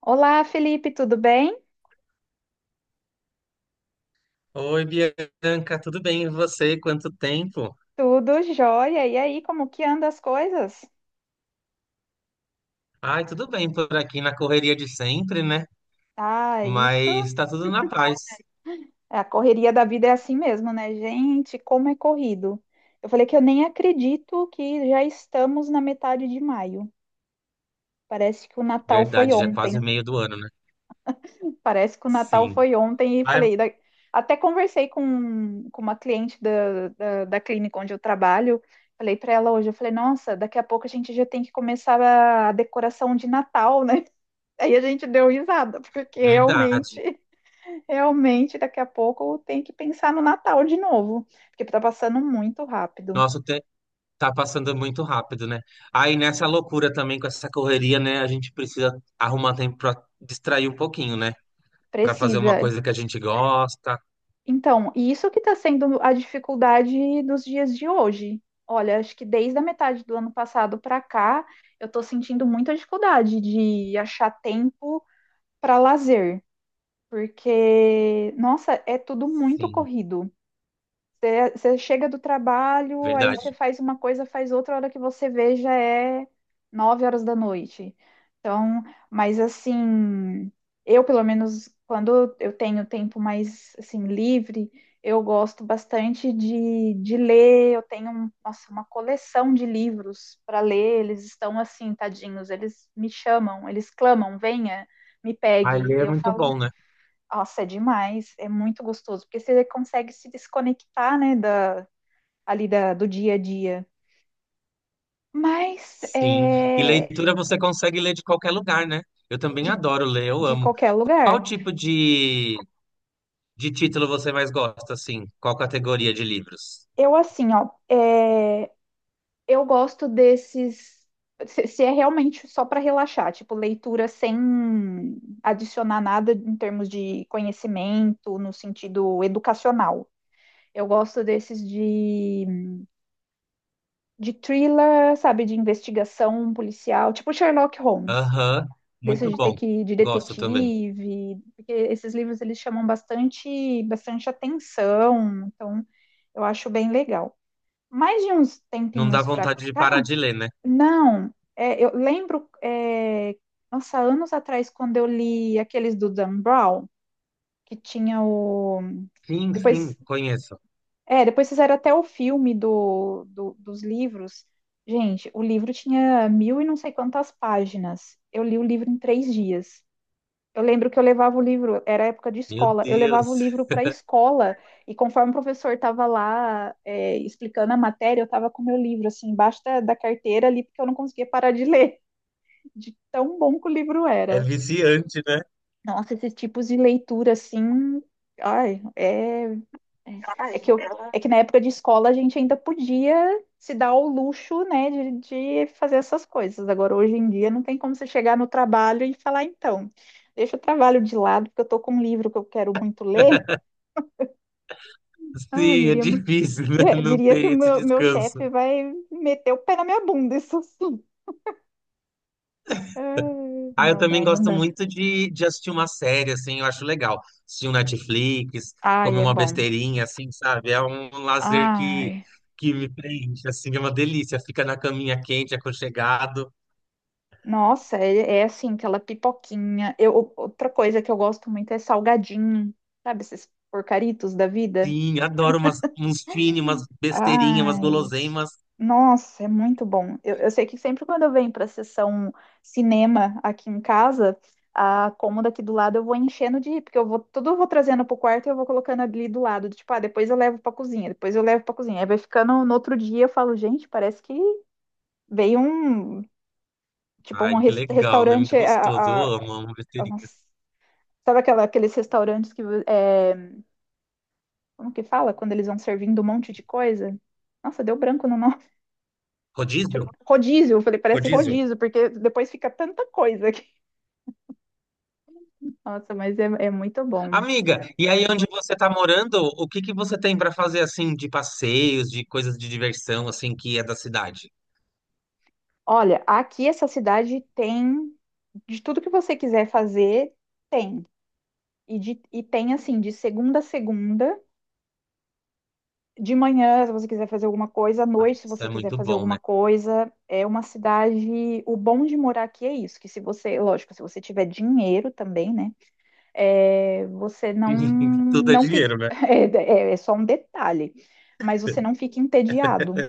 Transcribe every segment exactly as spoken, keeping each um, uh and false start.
Olá, Felipe, tudo bem? Oi, Bianca, tudo bem? E você? Quanto tempo? Tudo jóia. E aí, como que andam as coisas? Ai, tudo bem por aqui na correria de sempre, né? Ah, Mas isso, tá tudo na paz. a correria da vida é assim mesmo, né? Gente, como é corrido. Eu falei que eu nem acredito que já estamos na metade de maio. Parece que o Natal foi Verdade, já é quase ontem. meio do ano, né? Parece que o Natal Sim. foi ontem e Ai, falei, da- até conversei com, com uma cliente da, da, da clínica onde eu trabalho. Falei para ela hoje, eu falei, nossa, daqui a pouco a gente já tem que começar a decoração de Natal, né? Aí a gente deu risada, porque realmente, verdade. realmente daqui a pouco tem que pensar no Natal de novo, porque tá passando muito rápido. Nossa, o te- tá passando muito rápido, né? Aí nessa loucura também com essa correria, né? A gente precisa arrumar tempo pra distrair um pouquinho, né? Pra fazer uma Precisa. coisa que a gente gosta. Então, e isso que está sendo a dificuldade dos dias de hoje. Olha, acho que desde a metade do ano passado para cá, eu estou sentindo muita dificuldade de achar tempo para lazer, porque, nossa, é tudo muito Sim, corrido. Você você chega do trabalho, aí verdade. você faz uma coisa, faz outra, a hora que você vê já é nove horas da noite. Então, mas assim, eu pelo menos quando eu tenho tempo mais assim livre, eu gosto bastante de, de ler. Eu tenho um- nossa, uma coleção de livros para ler. Eles estão assim, tadinhos, eles me chamam, eles clamam, venha, me Ai, pegue. ler E é eu muito bom, falo né? nossa, é demais, é muito gostoso, porque você consegue se desconectar, né, da, ali da, do dia a dia. Mas Sim, e é, leitura você consegue ler de qualquer lugar, né? Eu também de, adoro ler, eu de amo. qualquer Qual lugar. tipo de, de título você mais gosta, assim? Qual categoria de livros? Eu, assim, ó, é, eu gosto desses. Se, se é realmente só para relaxar, tipo, leitura sem adicionar nada em termos de conhecimento, no sentido educacional. Eu gosto desses de, de thriller, sabe, de investigação policial, tipo Sherlock Holmes. Aham, Desse muito de ter bom. que ir de Gosto também. detetive, porque esses livros eles chamam bastante, bastante atenção, então eu acho bem legal. Mais de uns Não dá tempinhos para vontade de parar cá, de ler, né? não, é, eu lembro, é, nossa, anos atrás, quando eu li aqueles do Dan Brown, que tinha o. Sim, sim, Depois, conheço. é, depois fizeram até o filme do, do, dos livros. Gente, o livro tinha mil e não sei quantas páginas. Eu li o livro em três dias. Eu lembro que eu levava o livro, era época de Meu escola, eu levava o Deus, livro para a escola e conforme o professor estava lá é, explicando a matéria, eu estava com o meu livro assim embaixo da, da carteira ali porque eu não conseguia parar de ler, de tão bom que o livro é era. viciante, né? Nossa, esses tipos de leitura assim, ai, é é que, eu, é que na época de escola a gente ainda podia se dar o luxo, né, de, de fazer essas coisas. Agora, hoje em dia, não tem como você chegar no trabalho e falar, então, deixa o trabalho de lado, porque eu estou com um livro que eu quero muito ler. Ah, eu Sim, é diria, difícil, né? é, Não diria que o ter esse meu, meu descanso. chefe vai meter o pé na minha bunda, isso sim. Ah, Ah, eu não, também não, não gosto dá. muito de, de assistir uma série, assim, eu acho legal. Assistir um Netflix, Ai, comer é uma bom. besteirinha, assim, sabe? É um lazer que, Ai. que me preenche, assim, é uma delícia. Fica na caminha quente, aconchegado. Nossa, é, é assim, aquela pipoquinha. Eu, outra coisa que eu gosto muito é salgadinho, sabe? Esses porcaritos da vida. Sim, adoro umas, uns fine, umas besteirinhas, umas Ai, gente. guloseimas. Nossa, é muito bom. Eu, eu sei que sempre quando eu venho para sessão cinema aqui em casa, a cômoda aqui do lado eu vou enchendo de, porque eu vou, tudo eu vou trazendo pro quarto e eu vou colocando ali do lado, tipo, ah, depois eu levo para cozinha, depois eu levo para cozinha. Aí vai ficando no outro dia, eu falo, gente, parece que veio um, tipo, Ai, um que res- legal, né? Muito restaurante a, gostoso. Eu a- amo, amo a- nossa, besteirinhas. Sabe aquela, aqueles restaurantes que. É, como que fala? Quando eles vão servindo um monte de coisa? Nossa, deu branco no nome. Rodízio? Tipo, rodízio, eu falei, parece Rodízio. rodízio, porque depois fica tanta coisa aqui. Nossa, mas é, é muito bom. Amiga, e aí onde você tá morando, o que que você tem para fazer, assim, de passeios, de coisas de diversão, assim, que é da cidade? Olha, aqui essa cidade tem de tudo que você quiser fazer, tem. E, de- e tem assim, de segunda a segunda, de manhã, se você quiser fazer alguma coisa, à Ah, noite, se isso é você quiser muito fazer bom, né? alguma coisa, é uma cidade. O bom de morar aqui é isso, que se você, lógico, se você tiver dinheiro também, né? é, você não Tudo é não fica dinheiro, né? é, é- é só um detalhe, mas você não fica entediado,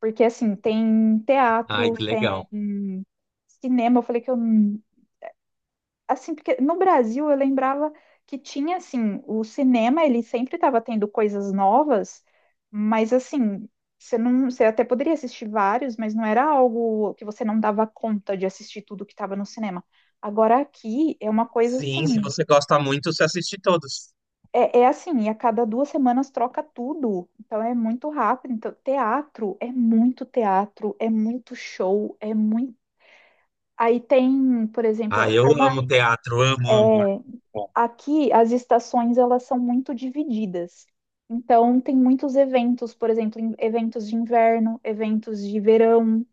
porque assim tem Ai, teatro, que legal. tem cinema. Eu falei que eu assim, porque no Brasil eu lembrava que tinha, assim, o cinema, ele sempre estava tendo coisas novas, mas, assim, você não, você até poderia assistir vários, mas não era algo que você não dava conta de assistir tudo que estava no cinema. Agora aqui é uma coisa, Sim, se assim, você gosta muito, você assiste todos. é, é assim, e a cada duas semanas troca tudo, então é muito rápido. Então, teatro é muito teatro, é muito show, é muito. Aí tem, por Ah, exemplo, eu como a- amo teatro, amo, é, amo. Bom, aqui as estações elas são muito divididas. Então tem muitos eventos, por exemplo, em- eventos de inverno, eventos de verão.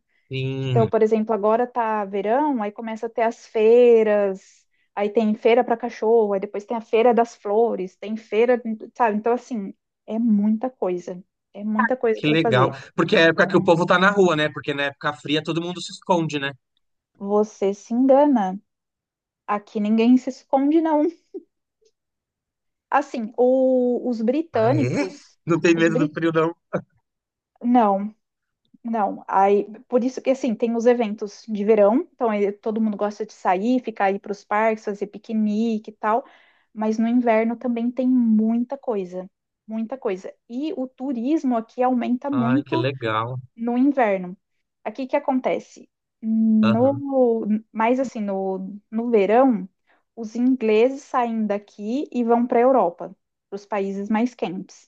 Então, sim, por exemplo, agora tá verão, aí começa a ter as feiras, aí tem feira para cachorro, aí depois tem a feira das flores, tem feira, sabe? Então assim, é muita coisa. É muita coisa que para legal. fazer. Porque é a época que o povo tá na rua, né? Porque na época fria todo mundo se esconde, né? Você se engana. Aqui ninguém se esconde, não. Assim, o- os Ah, é? britânicos, Não tem os medo do brit, frio, não. Não, Não, aí por isso que assim tem os eventos de verão, então eh, todo mundo gosta de sair, ficar aí para os parques, fazer piquenique e tal, mas no inverno também tem muita coisa, muita coisa. E o turismo aqui aumenta Ai, que muito legal. no inverno. Aqui o que acontece? Aham. No, mais assim, no, no verão, os ingleses saem daqui e vão para a Europa, para os países mais quentes.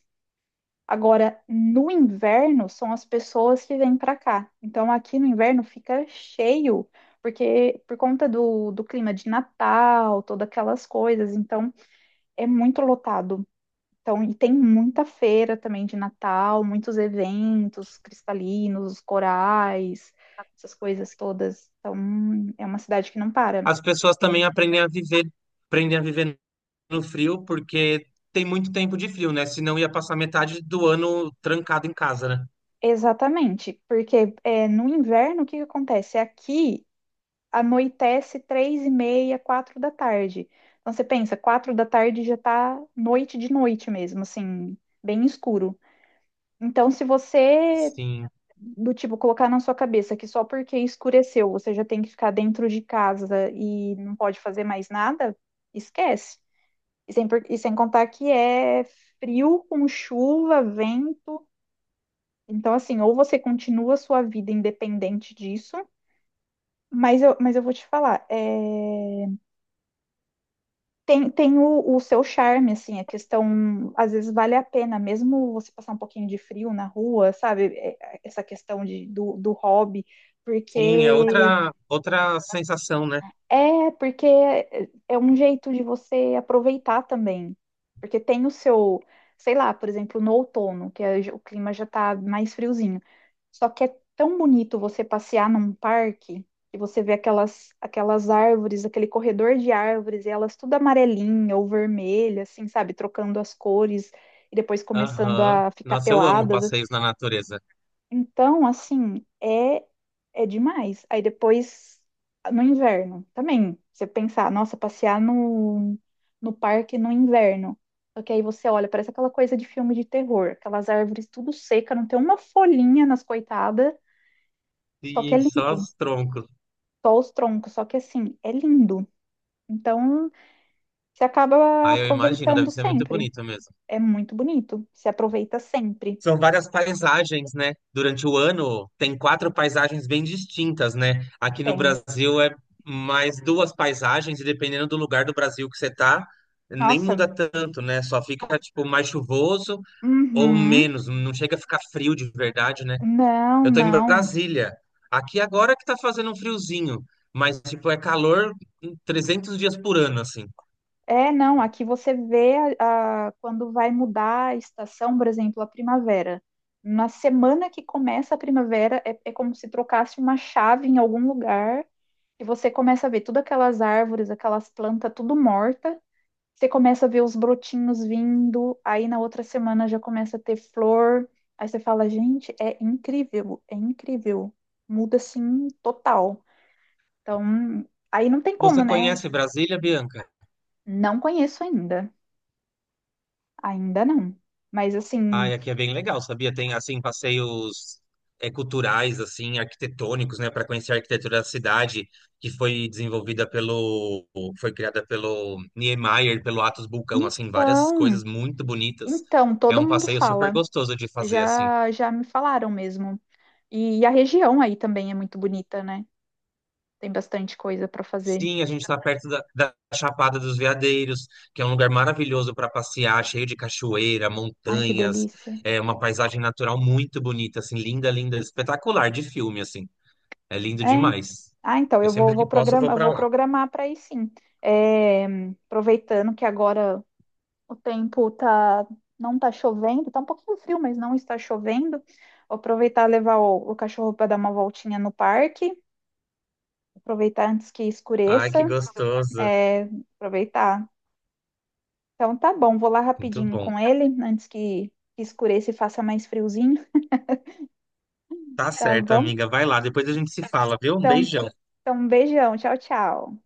Agora, no inverno, são as pessoas que vêm para cá. Então, aqui no inverno fica cheio, porque por conta do, do clima de Natal, todas aquelas coisas. Então, é muito lotado. Então, e tem muita feira também de Natal, muitos eventos cristalinos, corais, essas coisas todas. Então, é uma cidade que não para. As pessoas também aprendem a viver, aprendem a viver no frio, porque tem muito tempo de frio, né? Senão ia passar metade do ano trancado em casa, né? Exatamente, porque é, no inverno o que que acontece? Aqui anoitece três e meia, quatro da tarde. Então você pensa, quatro da tarde já tá noite de noite mesmo, assim, bem escuro. Então, se você, Sim. do tipo, colocar na sua cabeça que só porque escureceu você já tem que ficar dentro de casa e não pode fazer mais nada, esquece. E sem, por- e sem contar que é frio com chuva, vento. Então, assim, ou você continua a sua vida independente disso, mas eu, mas eu vou te falar, é, Tem, tem o, o seu charme, assim, a questão, às vezes vale a pena, mesmo você passar um pouquinho de frio na rua, sabe? É, é, Essa questão de, do, do hobby, Sim, é porque outra, outra sensação, né? é, porque é é um jeito de você aproveitar também. Porque tem o seu, sei lá, por exemplo, no outono, que é- o clima já tá mais friozinho. Só que é tão bonito você passear num parque e você vê aquelas, aquelas árvores, aquele corredor de árvores, e elas tudo amarelinha ou vermelha, assim, sabe? Trocando as cores e depois começando Aham. a ficar Nossa, eu amo peladas, passeios na natureza. então, assim, é é demais. Aí depois, no inverno, também, você pensar, nossa, passear no, no parque no inverno. Só que aí você olha, parece aquela coisa de filme de terror, aquelas árvores tudo seca, não tem uma folhinha nas coitadas, só que é Sim, só lindo. os troncos. Só os troncos, só que assim, é lindo. Então, você acaba Ah, eu imagino, deve aproveitando ser muito sempre. bonito mesmo. É muito bonito. Se aproveita sempre. São várias paisagens, né? Durante o ano, tem quatro paisagens bem distintas, né? Aqui no Tem. Brasil é mais duas paisagens, e dependendo do lugar do Brasil que você tá, nem muda Nossa. tanto, né? Só fica, tipo, mais chuvoso ou Uhum. menos. Não chega a ficar frio de verdade, né? Não, Eu tô em não. Brasília. Aqui agora que tá fazendo um friozinho, mas tipo é calor trezentos dias por ano assim. É, não, aqui você vê a, a- quando vai mudar a estação, por exemplo, a primavera. Na semana que começa a primavera, é, é como se trocasse uma chave em algum lugar e você começa a ver todas aquelas árvores, aquelas plantas, tudo morta. Você começa a ver os brotinhos vindo, aí na outra semana já começa a ter flor. Aí você fala, gente, é incrível, é incrível. Muda assim total. Então, aí não tem Você como, né? conhece Brasília, Bianca? Não conheço ainda. Ainda não. Mas assim, Ai, aqui é bem legal, sabia? Tem assim passeios é, culturais assim, arquitetônicos, né, para conhecer a arquitetura da cidade, que foi desenvolvida pelo foi criada pelo Niemeyer, pelo Atos Bulcão, assim, várias então, coisas muito bonitas. então, É todo um mundo passeio super fala. gostoso de fazer assim. Já, já me falaram mesmo. E a região aí também é muito bonita, né? Tem bastante coisa para fazer. Sim, a gente está perto da, da Chapada dos Veadeiros, que é um lugar maravilhoso para passear, cheio de cachoeira, Ai, que montanhas, delícia. é uma paisagem natural muito bonita, assim, linda, linda, espetacular de filme, assim. É lindo É, en- demais. ah, então Eu eu vou, sempre que vou posso eu vou programar, eu para vou lá. programar para ir sim. É, aproveitando que agora o tempo tá, não tá chovendo, tá um pouquinho frio, mas não está chovendo. Vou aproveitar e levar o, o cachorro para dar uma voltinha no parque, aproveitar antes que Ai, escureça. que gostoso. É, aproveitar. Então tá bom, vou lá Muito rapidinho bom. com ele, antes que escureça e faça mais friozinho, Tá tá certo, bom? amiga. Vai lá, depois a gente se fala, viu? Um Então, beijão. então um beijão, tchau, tchau.